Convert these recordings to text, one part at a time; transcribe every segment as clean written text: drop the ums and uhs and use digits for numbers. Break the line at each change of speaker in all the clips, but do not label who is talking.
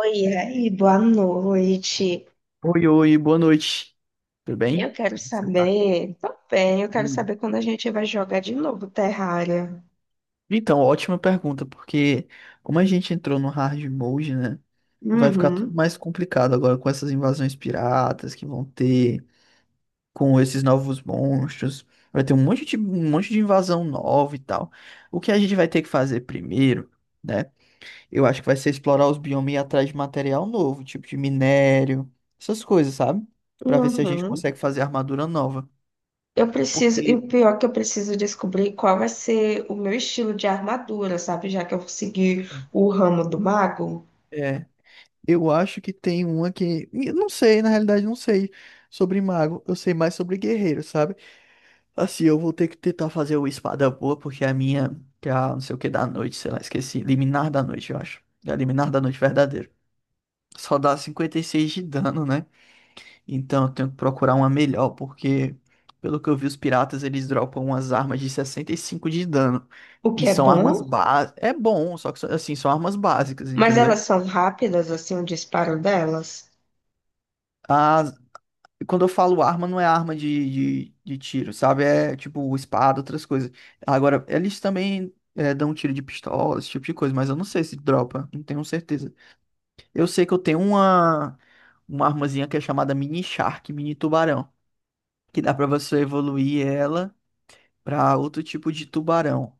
Oi, e aí, boa noite.
Oi, oi, boa noite. Tudo
Eu
bem?
quero
Como você tá?
saber, tô bem, eu quero
Hum.
saber quando a gente vai jogar de novo Terraria.
Então, ótima pergunta, porque como a gente entrou no hard mode, né? Vai ficar tudo
Uhum,
mais complicado agora com essas invasões piratas que vão ter, com esses novos monstros. Vai ter um monte de invasão nova e tal. O que a gente vai ter que fazer primeiro, né? Eu acho que vai ser explorar os biomas e ir atrás de material novo, tipo de minério, essas coisas, sabe? Pra ver se a gente
uhum.
consegue fazer armadura nova.
Eu preciso, e
Porque.
o pior é que eu preciso descobrir qual vai ser o meu estilo de armadura, sabe? Já que eu segui o ramo do mago,
É. Eu acho que tem uma que. Eu não sei, na realidade, não sei sobre mago. Eu sei mais sobre guerreiro, sabe? Assim, eu vou ter que tentar fazer o espada boa, porque a minha, que é a não sei o que da noite, sei lá, esqueci. Liminar da noite, eu acho. É a liminar da noite verdadeiro. Só dá 56 de dano, né? Então eu tenho que procurar uma melhor, porque, pelo que eu vi, os piratas eles dropam umas armas de 65 de dano.
o
E
que é
são armas
bom,
básicas. É bom, só que assim, são armas básicas,
mas elas
entendeu?
são rápidas, assim, o disparo delas.
As, Quando eu falo arma, não é arma de tiro, sabe? É tipo espada, outras coisas. Agora, eles também dão tiro de pistola, esse tipo de coisa, mas eu não sei se dropa, não tenho certeza. Eu sei que eu tenho uma armazinha que é chamada Mini Shark, Mini Tubarão, que dá pra você evoluir ela pra outro tipo de tubarão,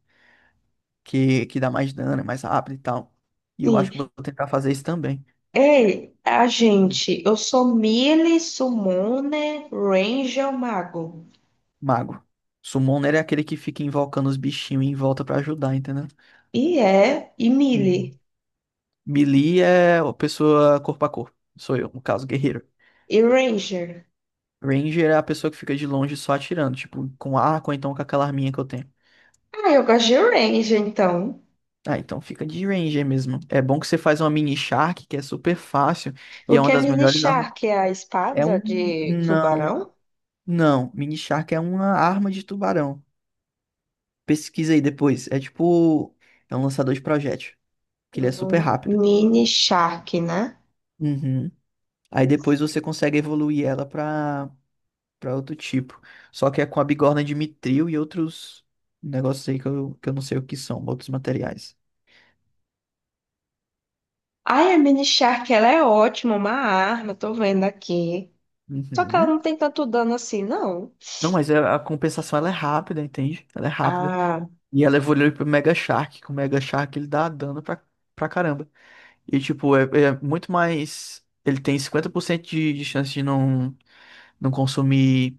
que dá mais dano, é mais rápido e tal. E eu
Sim.
acho que eu vou tentar fazer isso também.
Ei, a gente, eu sou melee, summoner, ranger, mago.
Mago. Summoner é aquele que fica invocando os bichinhos em volta pra ajudar, entendeu?
E é, e Millie,
Melee é a pessoa corpo a corpo. Sou eu, no caso, guerreiro.
e Ranger.
Ranger é a pessoa que fica de longe só atirando, tipo, com arco ou então com aquela arminha que eu tenho.
Ah, eu gosto de Ranger, então.
Ah, então fica de Ranger mesmo. É bom que você faz uma mini Shark, que é super fácil e
O
é
que
uma
é
das
Mini
melhores armas.
Shark? É a
É
espada
um.
de
Não,
tubarão?
não. Mini Shark é uma arma de tubarão. Pesquisa aí depois. É tipo. É um lançador de projétil, que ele é super rápido.
Mini Shark, né?
Uhum. Aí depois você consegue evoluir ela pra outro tipo. Só que é com a bigorna de mitril e outros negócios aí que eu não sei o que são, outros materiais.
Ai, a Mini Shark, ela é ótima, uma arma, tô vendo aqui. Só que ela não
Uhum.
tem tanto dano assim, não.
Não, mas a compensação ela é rápida, entende? Ela é rápida.
Ah,
E ela evolui pro Mega Shark, que o Mega Shark ele dá dano pra caramba. E tipo, é muito mais. Ele tem 50% de chance de não consumir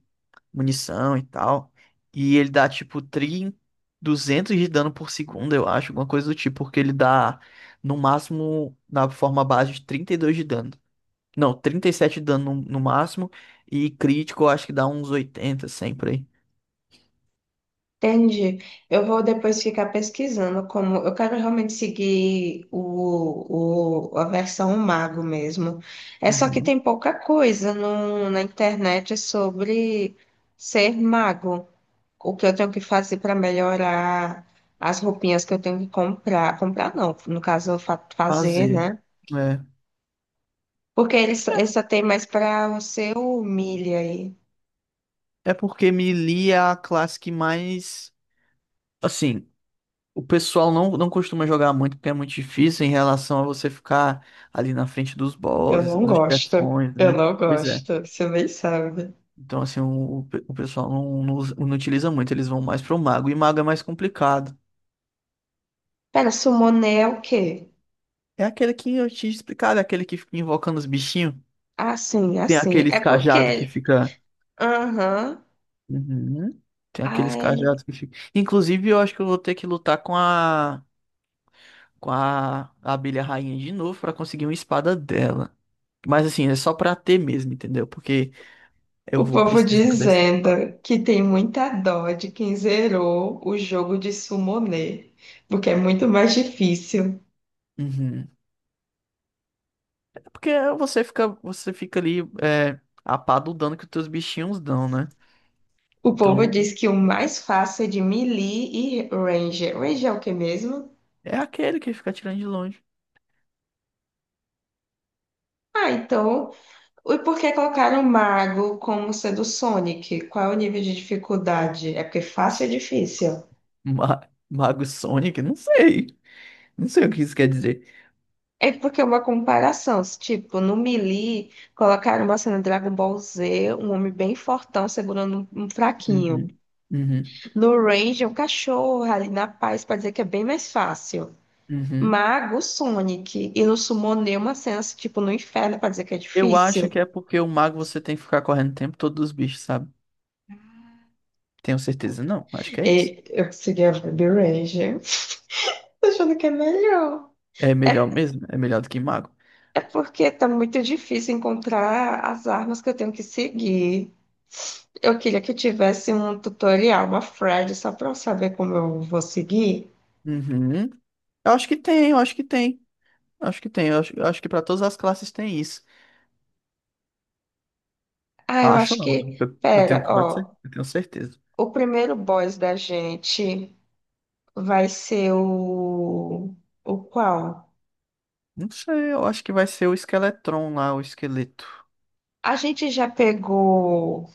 munição e tal. E ele dá tipo tri 200 de dano por segundo, eu acho, alguma coisa do tipo, porque ele dá no máximo na forma base de 32 de dano. Não, 37 de dano no máximo e crítico eu acho que dá uns 80 sempre aí.
entendi. Eu vou depois ficar pesquisando como eu quero realmente seguir a versão mago mesmo. É só que
Uhum.
tem pouca coisa na internet sobre ser mago, o que eu tenho que fazer para melhorar as roupinhas que eu tenho que comprar. Comprar não, no caso eu fazer,
Fazer.
né?
É.
Porque eles só tem mais para o seu milha aí.
É porque melee é a classe que mais assim o pessoal não costuma jogar muito porque é muito difícil em relação a você ficar ali na frente dos
Eu
bosses,
não
dos
gosto,
chefões,
eu
né?
não
Pois é.
gosto, você nem sabe.
Então, assim, o pessoal não utiliza muito, eles vão mais pro mago. E mago é mais complicado.
Pera, summoner é o quê?
É aquele que eu te explicar, é aquele que fica invocando os bichinhos. Tem
É
aqueles cajados que
porque,
fica.
aham,
Uhum. Tem aqueles
ai,
cajados que fica. Inclusive, eu acho que eu vou ter que lutar com a abelha rainha de novo pra conseguir uma espada dela. Mas assim, é só pra ter mesmo, entendeu? Porque eu
o
vou
povo
precisar dessa
dizendo
espada.
que tem muita dó de quem zerou o jogo de Summoner, porque é muito mais difícil.
Uhum. É porque você fica ali a pá do dano que os teus bichinhos dão, né?
O povo
Então
diz que o mais fácil é de Melee e Ranger. Ranger é o que mesmo?
é aquele que fica atirando de longe.
Ah, então, e por que colocaram o Mago como sendo o Sonic? Qual é o nível de dificuldade? É porque fácil é difícil.
Mago Sonic, não sei. Não sei o que isso quer dizer.
É porque é uma comparação. Se, Tipo, no Melee, colocaram uma cena de Dragon Ball Z, um homem bem fortão segurando um fraquinho.
Uhum. Uhum.
No Range é um cachorro ali na paz pra dizer que é bem mais fácil.
Uhum.
Mago, Sonic. E no Summoner, uma cena assim, tipo no inferno pra dizer que é
Eu acho
difícil.
que é porque o mago você tem que ficar correndo o tempo todo dos bichos, sabe? Tenho certeza, não. Acho que é isso.
E eu seria a o Ranger, tô achando que é melhor.
É melhor mesmo. É melhor do que mago.
É porque tá muito difícil encontrar as armas que eu tenho que seguir. Eu queria que eu tivesse um tutorial, uma thread, só para eu saber como eu vou seguir.
Uhum. Eu acho que tem, eu acho que tem. Acho que tem. Eu acho que pra todas as classes tem isso.
Ah, eu
Acho
acho
não.
que.
Eu tenho
Pera,
quase
ó.
eu tenho certeza.
O primeiro boss da gente vai ser o. O qual?
Não sei, eu acho que vai ser o Esqueletron lá, o esqueleto.
A gente já pegou.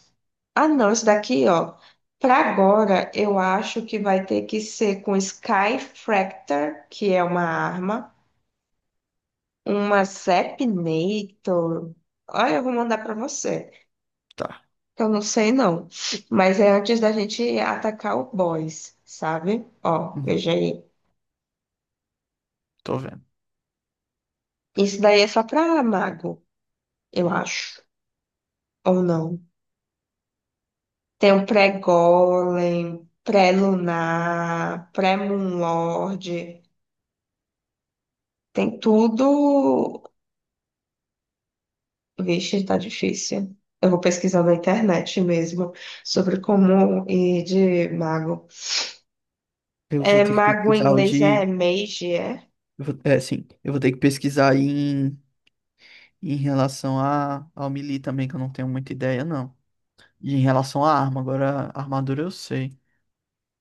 Ah, não, isso daqui, ó. Para agora, eu acho que vai ter que ser com Sky Fractor, que é uma arma. Uma Sepnator. Olha, eu vou mandar pra você.
Tá,
Que eu não sei, não. Mas é antes da gente atacar o boss, sabe? Ó,
uhum,
veja aí.
tô vendo.
Isso daí é só pra mago, eu acho. Ou não. Tem um pré-golem, pré-lunar, pré-moonlord. Tem tudo. Vixe, tá difícil. Eu vou pesquisar na internet mesmo sobre como ir de mago.
Eu vou
É,
ter que
mago em
pesquisar o
inglês é
de.
mage, é?
É, sim, eu vou ter que pesquisar em relação ao melee também, que eu não tenho muita ideia, não. E em relação à arma, agora a armadura eu sei.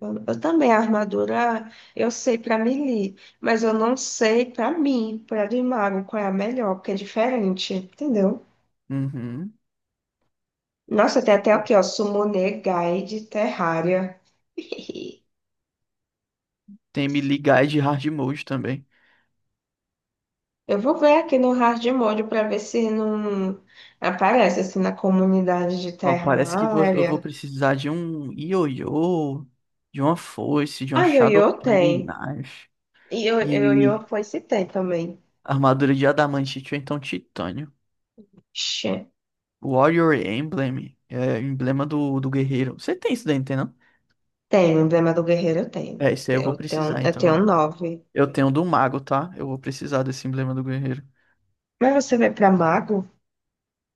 Eu também, a armadura, eu sei pra melee, mas eu não sei pra mim, pra de mago, qual é a melhor, porque é diferente, entendeu?
Uhum.
Nossa, tem
Deixa
até
eu ver.
aqui, ó, Summoner Guide Terraria.
Tem melee guide e hard mode também.
Eu vou ver aqui no Hard Mode pra ver se não aparece, assim, na comunidade de
Ó, parece que eu vou
Terraria.
precisar de um ioiô, de uma foice, de uma
Ah,
Shadow
Yoyo
Flame
tem.
Knife.
E
E
Yoyo foi se tem também.
armadura de adamantite ou então titânio. Warrior Emblem. É emblema do guerreiro. Você tem isso daí, não tem não?
Tenho, emblema do guerreiro eu tenho.
É, isso aí eu vou
Eu tenho,
precisar,
eu
então.
tenho
Eu
9.
eu tenho do mago, tá? Eu vou precisar desse emblema do guerreiro.
Mas você vai pra mago?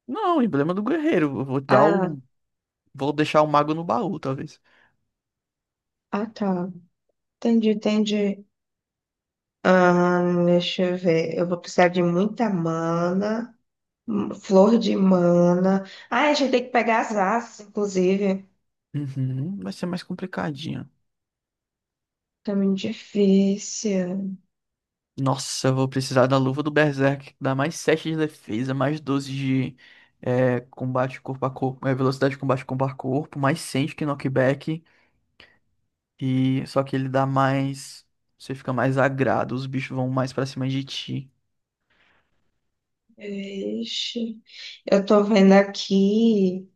Não, emblema do guerreiro. Eu vou dar
Ah,
o. Vou deixar o mago no baú, talvez.
ah, tá. Entendi, entendi. Ah, deixa eu ver. Eu vou precisar de muita mana, flor de mana. Ah, a gente tem que pegar as asas, inclusive.
Uhum, vai ser mais complicadinho.
Tá muito difícil.
Nossa, eu vou precisar da luva do Berserk, que dá mais 7 de defesa, mais 12 de combate corpo a corpo, velocidade de combate corpo a corpo, mais 100 de knockback. E só que ele dá mais. Você fica mais agrado, os bichos vão mais pra cima de ti.
Ixi. Eu tô vendo aqui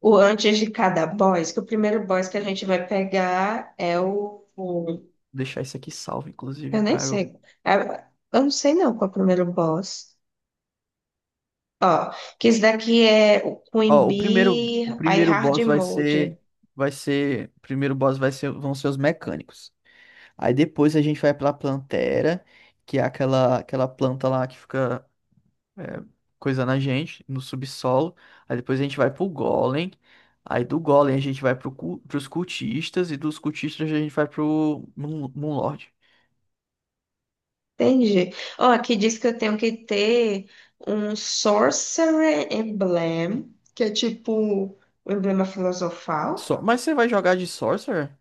o antes de cada boss, que o primeiro boss que a gente vai pegar é o.
Vou deixar isso aqui salvo, inclusive,
Eu nem
pra eu.
sei. É, eu não sei não qual é o primeiro boss. Ó, que esse daqui é o Queen
Ó, o primeiro, o
Bee, aí
primeiro
Hard
boss vai
Mode.
ser. O primeiro boss vai ser, vão ser os mecânicos. Aí depois a gente vai pra Plantera, que é aquela planta lá que fica é, coisando a gente no subsolo. Aí depois a gente vai pro Golem. Aí do Golem a gente vai pros cultistas. E dos cultistas a gente vai pro Moonlord.
Entendi. Ó, aqui diz que eu tenho que ter um Sorcerer Emblem, que é tipo o emblema filosofal.
Só... Mas você vai jogar de Sorcerer?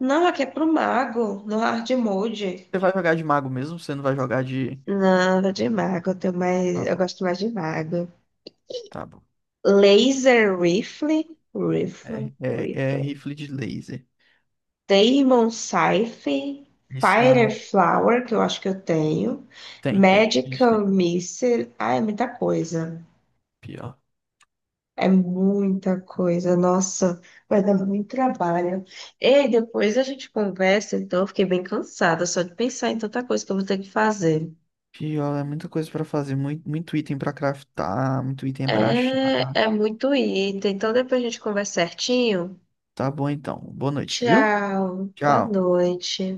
Não, aqui é pro mago, no Hard Mode.
Você vai jogar de mago mesmo? Você não vai jogar de.
Não, eu de mago, eu tenho mais,
Tá
eu
bom,
gosto mais de mago.
tá bom.
Laser Rifle, Rifle,
É
Rifle.
rifle de laser.
Demon Scythe,
Isso- ah,
Fireflower, que eu acho que eu tenho,
Tem, tem. A gente tem.
Magical Missile, ah, é muita coisa.
Pior.
É muita coisa, nossa, vai dar muito trabalho. E depois a gente conversa, então eu fiquei bem cansada só de pensar em tanta coisa que eu vou ter que fazer.
Pior, é muita coisa pra fazer. Muito, muito item pra craftar, muito item pra achar.
É, é muito item, então depois a gente conversa certinho.
Tá bom então. Boa noite, viu?
Tchau, boa
Tchau.
noite.